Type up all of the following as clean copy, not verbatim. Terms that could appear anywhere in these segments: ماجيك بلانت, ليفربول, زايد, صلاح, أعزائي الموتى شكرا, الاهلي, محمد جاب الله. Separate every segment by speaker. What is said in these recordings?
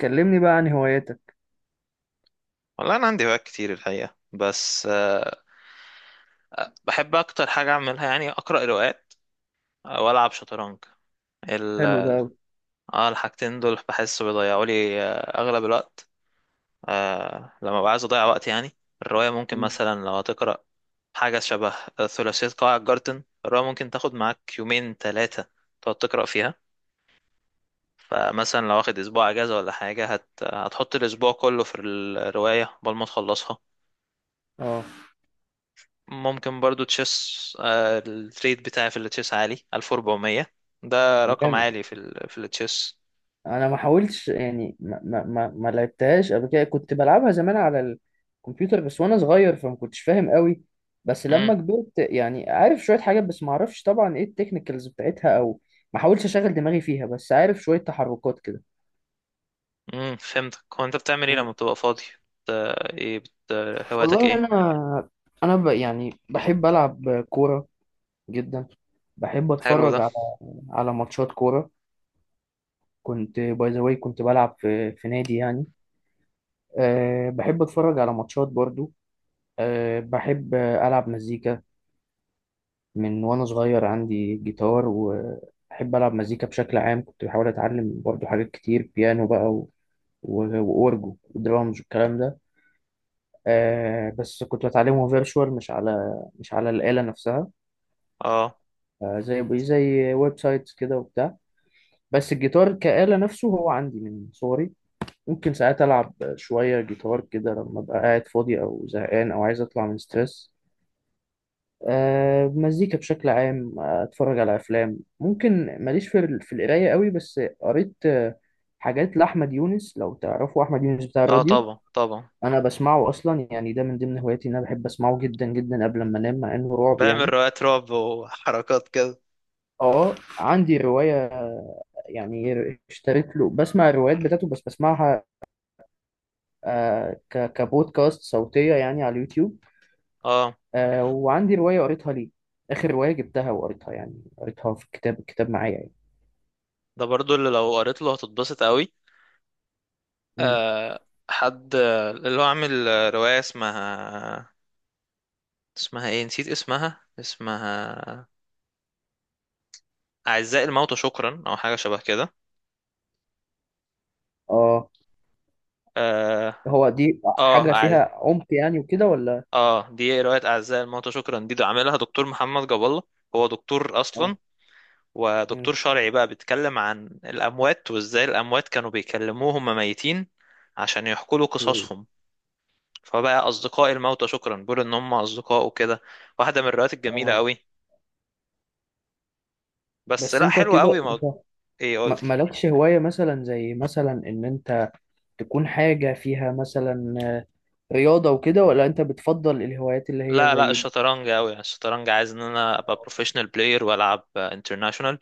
Speaker 1: كلمني بقى عن هواياتك.
Speaker 2: والله انا عندي هوايات كتير الحقيقه بس، بحب اكتر حاجه اعملها يعني اقرا روايات، والعب شطرنج. ال
Speaker 1: حلو ده أوي.
Speaker 2: اه الحاجتين دول بحس بيضيعوا لي اغلب الوقت، لما ببقى عايز اضيع وقت يعني. الروايه ممكن
Speaker 1: مم.
Speaker 2: مثلا لو هتقرا حاجه شبه ثلاثيه قاع الجارتن. الروايه ممكن تاخد معاك يومين ثلاثه تقعد تقرا فيها. فمثلا لو واخد اسبوع اجازه ولا حاجه هتحط الاسبوع كله في الروايه قبل ما تخلصها.
Speaker 1: اه.
Speaker 2: ممكن برضو تشيس. الريت بتاعي في التشيس عالي 1400. ده رقم
Speaker 1: جامد.
Speaker 2: عالي في التشيس.
Speaker 1: انا ما حاولتش يعني ما لعبتهاش قبل كده، كنت بلعبها زمان على الكمبيوتر بس وانا صغير فما كنتش فاهم قوي. بس
Speaker 2: امم
Speaker 1: لما كبرت يعني عارف شوية حاجات، بس ما اعرفش طبعا ايه التكنيكالز بتاعتها او ما حاولتش اشغل دماغي فيها، بس عارف شوية تحركات كده.
Speaker 2: فهمتك. هو انت بتعمل ايه
Speaker 1: مم.
Speaker 2: لما بتبقى فاضي؟ بت... ايه بت... هواياتك
Speaker 1: والله انا
Speaker 2: ايه؟
Speaker 1: يعني بحب العب كورة جدا. بحب
Speaker 2: حلو
Speaker 1: اتفرج
Speaker 2: ده.
Speaker 1: على ماتشات كورة. كنت باي ذا واي كنت بلعب في نادي يعني. أه بحب اتفرج على ماتشات برضو. أه بحب العب مزيكا. من وانا صغير عندي جيتار وبحب العب مزيكا بشكل عام، كنت بحاول اتعلم برضو حاجات كتير، بيانو بقى واورجو ودرامز والكلام ده. أه بس كنت بتعلمه فيرتشوال، مش على الآلة نفسها.
Speaker 2: اه،
Speaker 1: أه زي ويب سايتس كده وبتاع. بس الجيتار كآلة نفسه هو عندي من صغري. ممكن ساعات ألعب شوية جيتار كده لما أبقى قاعد فاضي أو زهقان أو عايز أطلع من ستريس. أه مزيكا بشكل عام. أتفرج على أفلام ممكن. ماليش في القراية قوي، بس قريت حاجات لأحمد يونس، لو تعرفوا أحمد يونس بتاع
Speaker 2: اه
Speaker 1: الراديو.
Speaker 2: طبعا طبعا.
Speaker 1: أنا بسمعه أصلا يعني، ده من ضمن هواياتي إن أنا بحب أسمعه جدا جدا قبل ما أنام مع إنه رعب
Speaker 2: بعمل
Speaker 1: يعني.
Speaker 2: روايات رعب وحركات كده.
Speaker 1: أه عندي رواية يعني، اشتريت له بسمع الروايات بتاعته، بس بسمعها كبودكاست صوتية يعني على اليوتيوب.
Speaker 2: اه،
Speaker 1: آه وعندي رواية قريتها ليه. آخر رواية جبتها وقريتها، يعني قريتها في الكتاب معايا يعني.
Speaker 2: ده برضو اللي لو قريت له هتتبسط قوي.
Speaker 1: مم.
Speaker 2: آه حد اللي هو عامل رواية اسمها، اسمها ايه؟ نسيت اسمها. أعزائي الموتى شكرا، أو حاجة شبه كده.
Speaker 1: اه.
Speaker 2: اه،
Speaker 1: هو دي
Speaker 2: اه
Speaker 1: حاجة فيها عمق يعني وكده ولا؟
Speaker 2: اه، دي رواية أعزائي الموتى شكرا. دي ده عاملها دكتور محمد جاب الله. هو دكتور أصلا،
Speaker 1: اه.
Speaker 2: ودكتور
Speaker 1: مم.
Speaker 2: شرعي بقى، بيتكلم عن الأموات وإزاي الأموات كانوا بيكلموه هما ميتين عشان يحكوا له
Speaker 1: مم.
Speaker 2: قصصهم. فبقى أصدقاء الموتى شكرا، بيقول إن هم أصدقاء وكده. واحدة من الروايات الجميلة
Speaker 1: اه.
Speaker 2: قوي. بس
Speaker 1: بس
Speaker 2: لا،
Speaker 1: انت
Speaker 2: حلوة قوي
Speaker 1: كده، انت
Speaker 2: إيه؟ قولي.
Speaker 1: مالكش هواية مثلا، زي مثلا ان انت تكون حاجة فيها مثلا رياضة وكده، ولا انت بتفضل الهوايات اللي هي
Speaker 2: لا لا،
Speaker 1: زي.
Speaker 2: الشطرنج قوي. يعني الشطرنج عايز ان انا ابقى بروفيشنال بلاير والعب انترناشونال.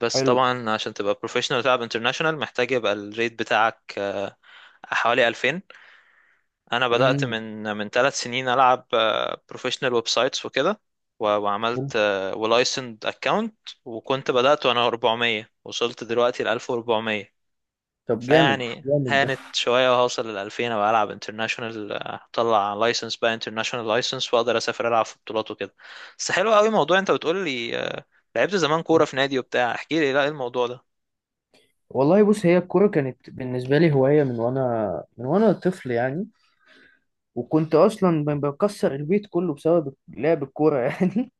Speaker 2: بس
Speaker 1: حلو.
Speaker 2: طبعا عشان تبقى بروفيشنال وتلعب انترناشونال محتاج يبقى الريت بتاعك حوالي 2000. انا بدأت
Speaker 1: امم.
Speaker 2: من 3 سنين العب بروفيشنال ويب سايتس وكده. وعملت ولايسند اكونت، وكنت بدأت وانا 400 وصلت دلوقتي ل 1400.
Speaker 1: طب جامد
Speaker 2: فيعني
Speaker 1: جامد ده.
Speaker 2: هانت شوية وهوصل لـ2000، أبقى ألعب انترناشونال. أطلع لايسنس بقى، انترناشونال لايسنس، وأقدر أسافر ألعب في بطولات وكده. بس حلو قوي موضوع أنت بتقول لي لعبت زمان كورة في نادي وبتاع. احكي لي لا، إيه الموضوع ده؟
Speaker 1: والله بص، هي الكورة كانت بالنسبة لي هواية من وانا طفل يعني. وكنت اصلا بكسر البيت كله بسبب لعب الكوره يعني.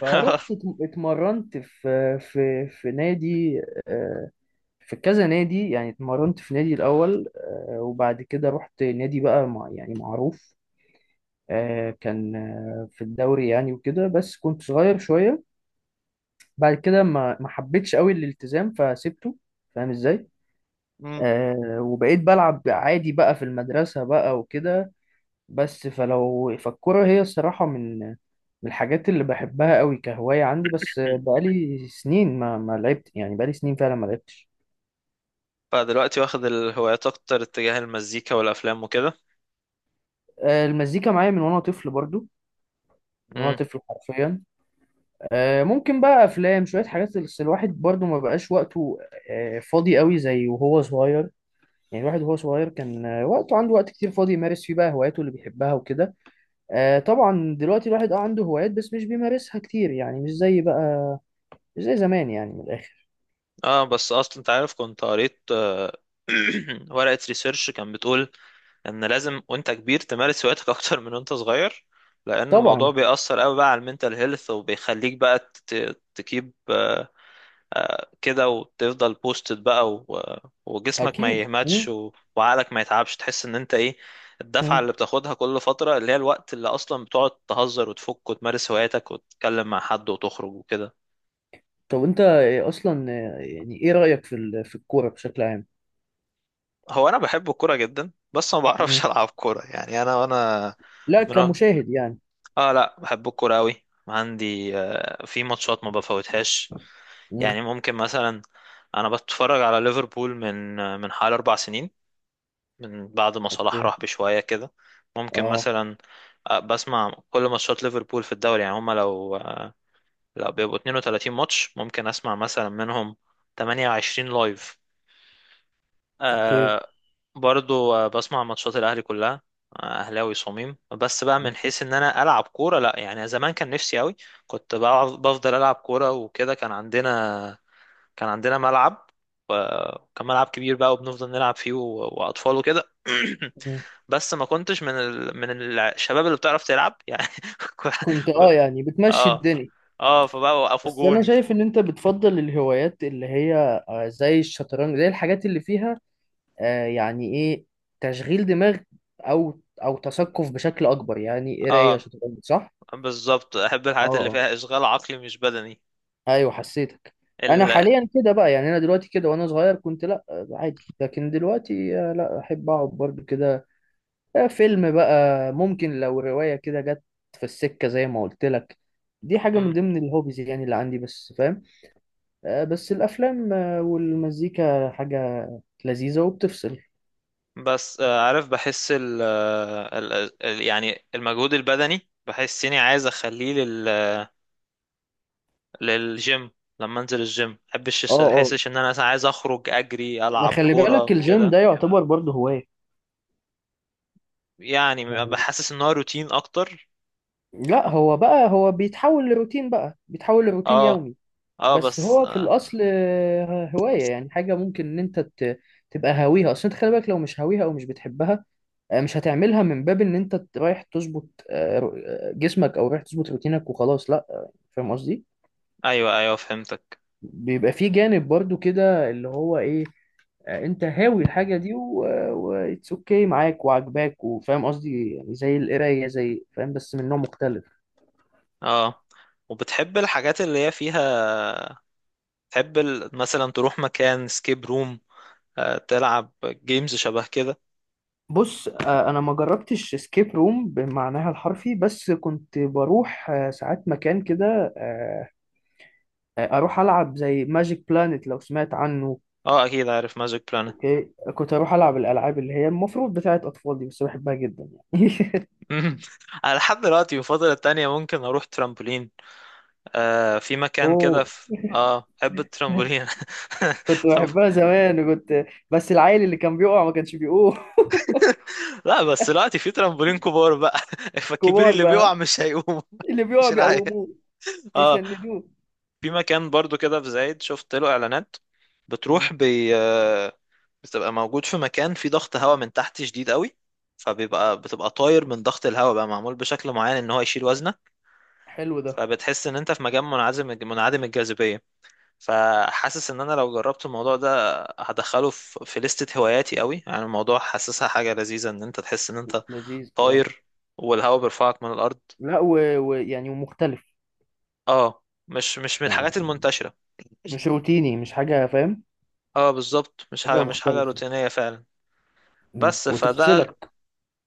Speaker 1: فرحت اتمرنت في نادي. آه، في كذا نادي يعني، اتمرنت في نادي الاول. آه، وبعد كده رحت نادي بقى مع يعني معروف. آه، كان في الدوري يعني وكده، بس كنت صغير شويه. بعد كده ما حبيتش قوي الالتزام فسيبته. فاهم ازاي؟
Speaker 2: مم.
Speaker 1: آه، وبقيت بلعب عادي بقى في المدرسه بقى وكده. بس فالكرة هي الصراحة من الحاجات اللي بحبها قوي كهواية عندي، بس بقالي سنين ما لعبت، يعني بقالي سنين فعلا ما لعبتش.
Speaker 2: فدلوقتي واخد الهوايات أكتر اتجاه المزيكا والأفلام وكده.
Speaker 1: آه، المزيكا معايا من وانا طفل برضو. من وانا
Speaker 2: مم.
Speaker 1: طفل حرفيا. آه، ممكن بقى افلام شوية حاجات، بس الواحد برضو ما بقاش وقته فاضي قوي زي وهو صغير. يعني الواحد وهو صغير كان وقته عنده وقت كتير فاضي يمارس فيه بقى هواياته اللي بيحبها وكده. آه، طبعا دلوقتي الواحد عنده هوايات بس مش بيمارسها كتير، يعني مش زي بقى، مش زي زمان يعني من الآخر.
Speaker 2: اه، بس أصلا أنت عارف كنت قريت ورقة ريسيرش كان بتقول ان لازم وانت كبير تمارس هواياتك اكتر من وانت صغير. لان الموضوع
Speaker 1: طبعا.
Speaker 2: بيأثر قوي بقى على المينتال هيلث، وبيخليك بقى تكيب، كده، وتفضل بوستد بقى، وجسمك ما
Speaker 1: أكيد.
Speaker 2: يهمتش،
Speaker 1: مم.
Speaker 2: وعقلك ما يتعبش. تحس ان انت ايه؟ الدفعة
Speaker 1: مم.
Speaker 2: اللي بتاخدها كل فترة، اللي هي الوقت اللي اصلا بتقعد تهزر وتفك وتمارس هواياتك وتتكلم مع حد وتخرج وكده.
Speaker 1: طب أنت إيه أصلا، يعني إيه رأيك في الكورة بشكل عام؟
Speaker 2: هو انا بحب الكورة جدا، بس ما
Speaker 1: مم.
Speaker 2: بعرفش العب كورة. يعني انا، وانا
Speaker 1: لا
Speaker 2: من،
Speaker 1: كمشاهد يعني.
Speaker 2: اه لا بحب الكورة أوي. عندي في ماتشات ما بفوتهاش.
Speaker 1: مم.
Speaker 2: يعني ممكن مثلا انا بتفرج على ليفربول من حوالي 4 سنين، من بعد ما صلاح
Speaker 1: أوكي.
Speaker 2: راح بشوية كده. ممكن
Speaker 1: أه.
Speaker 2: مثلا بسمع كل ماتشات ليفربول في الدوري. يعني هما لو بيبقوا 32 ماتش ممكن اسمع مثلا منهم 28 لايف.
Speaker 1: أوكي.
Speaker 2: آه برضو بسمع ماتشات الاهلي كلها. اهلاوي صميم. بس بقى من حيث ان انا العب كوره، لا. يعني زمان كان نفسي قوي، كنت بفضل العب كوره وكده. كان عندنا ملعب، و- وكان ملعب كبير بقى، وبنفضل نلعب فيه، واطفال وكده.
Speaker 1: مم.
Speaker 2: بس ما كنتش من الشباب اللي بتعرف تلعب يعني. كو-
Speaker 1: كنت
Speaker 2: كو-
Speaker 1: يعني بتمشي
Speaker 2: اه،
Speaker 1: الدنيا.
Speaker 2: اه فبقى وقفوا
Speaker 1: بس أنا
Speaker 2: جون.
Speaker 1: شايف إن أنت بتفضل الهوايات اللي هي زي الشطرنج، زي الحاجات اللي فيها يعني إيه، تشغيل دماغ أو تثقف بشكل أكبر، يعني قراية
Speaker 2: اه
Speaker 1: شطرنج، صح؟
Speaker 2: بالظبط، احب الحاجات اللي
Speaker 1: أه.
Speaker 2: فيها اشغال عقلي مش بدني.
Speaker 1: ايوه حسيتك. انا
Speaker 2: ال...
Speaker 1: حاليا كده بقى يعني، انا دلوقتي كده وانا صغير كنت لا عادي، لكن دلوقتي لا احب اقعد برضو كده فيلم بقى. ممكن لو رواية كده جت في السكة زي ما قلت لك، دي حاجة من ضمن الهوبيز يعني اللي عندي، بس فاهم بس الافلام والمزيكا حاجة لذيذة وبتفصل.
Speaker 2: بس عارف، بحس ال آه، ال ال- يعني المجهود البدني بحس اني عايز اخليه لل، للجيم. لما انزل الجيم
Speaker 1: اه،
Speaker 2: محبش
Speaker 1: اه.
Speaker 2: احسش ان انا مثلا عايز اخرج اجري
Speaker 1: ما
Speaker 2: العب
Speaker 1: خلي بالك
Speaker 2: كورة
Speaker 1: الجيم
Speaker 2: كده.
Speaker 1: ده يعتبر برضو هواية
Speaker 2: يعني
Speaker 1: يعني.
Speaker 2: بحسس ان هو روتين اكتر.
Speaker 1: لا، هو بقى هو بيتحول لروتين، بقى بيتحول لروتين
Speaker 2: اه،
Speaker 1: يومي.
Speaker 2: اه
Speaker 1: بس
Speaker 2: بس
Speaker 1: هو في الاصل هوايه يعني، حاجه ممكن ان انت تبقى هاويها. اصل انت خلي بالك لو مش هاويها او مش بتحبها مش هتعملها من باب ان انت رايح تظبط جسمك، او رايح تظبط روتينك وخلاص، لا فاهم قصدي.
Speaker 2: ايوه، ايوه فهمتك.
Speaker 1: بيبقى في جانب برضو كده اللي هو ايه، انت هاوي الحاجه دي واتس اوكي معاك وعجباك، وفاهم قصدي يعني، زي القرايه زي، فاهم، بس من نوع مختلف.
Speaker 2: اه، وبتحب الحاجات اللي هي فيها، تحب مثلا تروح مكان سكيب روم، تلعب جيمز شبه كده.
Speaker 1: بص انا ما جربتش سكيب روم بمعناها الحرفي، بس كنت بروح ساعات مكان كده، اروح العب زي ماجيك بلانت، لو سمعت عنه.
Speaker 2: اه اكيد عارف ماجيك بلانت.
Speaker 1: اوكي كنت اروح العب الالعاب اللي هي المفروض بتاعت اطفال دي، بس بحبها جدا يعني
Speaker 2: مم. انا لحد دلوقتي في الفترة التانية ممكن اروح ترامبولين. في مكان كده
Speaker 1: اوه.
Speaker 2: في، بحب الترامبولين.
Speaker 1: كنت
Speaker 2: طب،
Speaker 1: بحبها زمان بس العيل اللي كان بيقع ما كانش بيقوم.
Speaker 2: لا بس دلوقتي في ترامبولين كبار بقى. فالكبير
Speaker 1: كبار
Speaker 2: اللي
Speaker 1: بقى.
Speaker 2: بيقع مش هيقوم.
Speaker 1: اللي بيقع
Speaker 2: مش العيال.
Speaker 1: بيقوموه،
Speaker 2: اه،
Speaker 1: بيسندوه.
Speaker 2: في مكان برضو كده في زايد شفت له اعلانات.
Speaker 1: مم.
Speaker 2: بتروح بي... آه، بتبقى موجود في مكان فيه ضغط هواء من تحت شديد قوي. فبيبقى بتبقى طاير من ضغط الهواء، بقى معمول بشكل معين ان هو يشيل وزنك.
Speaker 1: حلو ده.
Speaker 2: فبتحس ان انت في مكان منعزم، منعدم الجاذبية. فحاسس ان انا لو جربت الموضوع ده هدخله في لستة هواياتي قوي. يعني الموضوع حاسسها حاجة لذيذة، ان انت تحس ان انت
Speaker 1: لذيذ اه.
Speaker 2: طاير والهواء بيرفعك من الارض.
Speaker 1: لا، ويعني يعني ومختلف.
Speaker 2: اه، مش من
Speaker 1: يعني
Speaker 2: الحاجات المنتشرة.
Speaker 1: مش روتيني، مش حاجة، فاهم.
Speaker 2: اه بالظبط، مش
Speaker 1: حاجة
Speaker 2: حاجة مش حاجة
Speaker 1: مختلفة.
Speaker 2: روتينية فعلا.
Speaker 1: مم.
Speaker 2: بس فده.
Speaker 1: وتفصلك.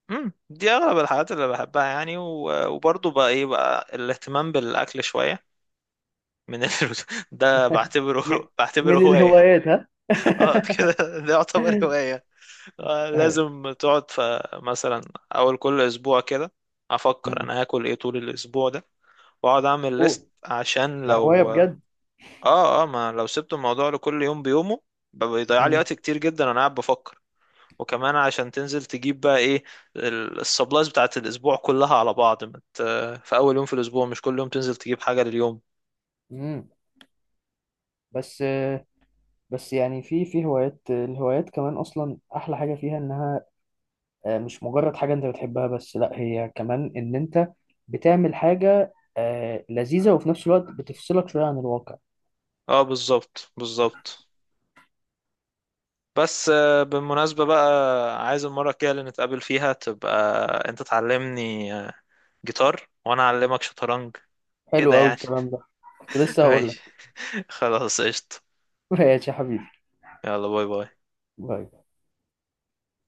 Speaker 2: دي اغلب الحاجات اللي بحبها يعني، وبرضه بقى ايه بقى، الاهتمام بالاكل شوية من ال... ده بعتبره
Speaker 1: م-
Speaker 2: بعتبره
Speaker 1: من
Speaker 2: هواية.
Speaker 1: الهوايات، ها؟
Speaker 2: اه كده، ده يعتبر هواية. لازم تقعد مثلا اول كل اسبوع كده افكر
Speaker 1: مم.
Speaker 2: انا هاكل ايه طول الاسبوع ده، واقعد اعمل
Speaker 1: أوه،
Speaker 2: ليست عشان
Speaker 1: ده هواية
Speaker 2: لو
Speaker 1: بجد.
Speaker 2: اه ما لو سبت الموضوع لكل يوم بيومه بيضيع لي
Speaker 1: مم.
Speaker 2: وقت كتير جدا وانا قاعد بفكر. وكمان عشان تنزل تجيب بقى ايه السبلايز بتاعت الاسبوع كلها على بعض مت في اول يوم في الاسبوع، مش كل يوم تنزل تجيب حاجة لليوم.
Speaker 1: مم. بس بس يعني في الهوايات كمان أصلا أحلى حاجة فيها إنها مش مجرد حاجة أنت بتحبها بس، لأ هي كمان إن أنت بتعمل حاجة لذيذة وفي نفس الوقت بتفصلك شوية عن الواقع.
Speaker 2: اه بالظبط بالظبط. بس بالمناسبة بقى، عايز المرة الجاية اللي نتقابل فيها تبقى انت تعلمني جيتار وانا اعلمك شطرنج كده
Speaker 1: حلو أوي
Speaker 2: يعني.
Speaker 1: الكلام ده. كنت لسه هقول لك.
Speaker 2: ماشي، خلاص قشطة.
Speaker 1: ماشي يا حبيبي.
Speaker 2: يلا باي باي.
Speaker 1: باي.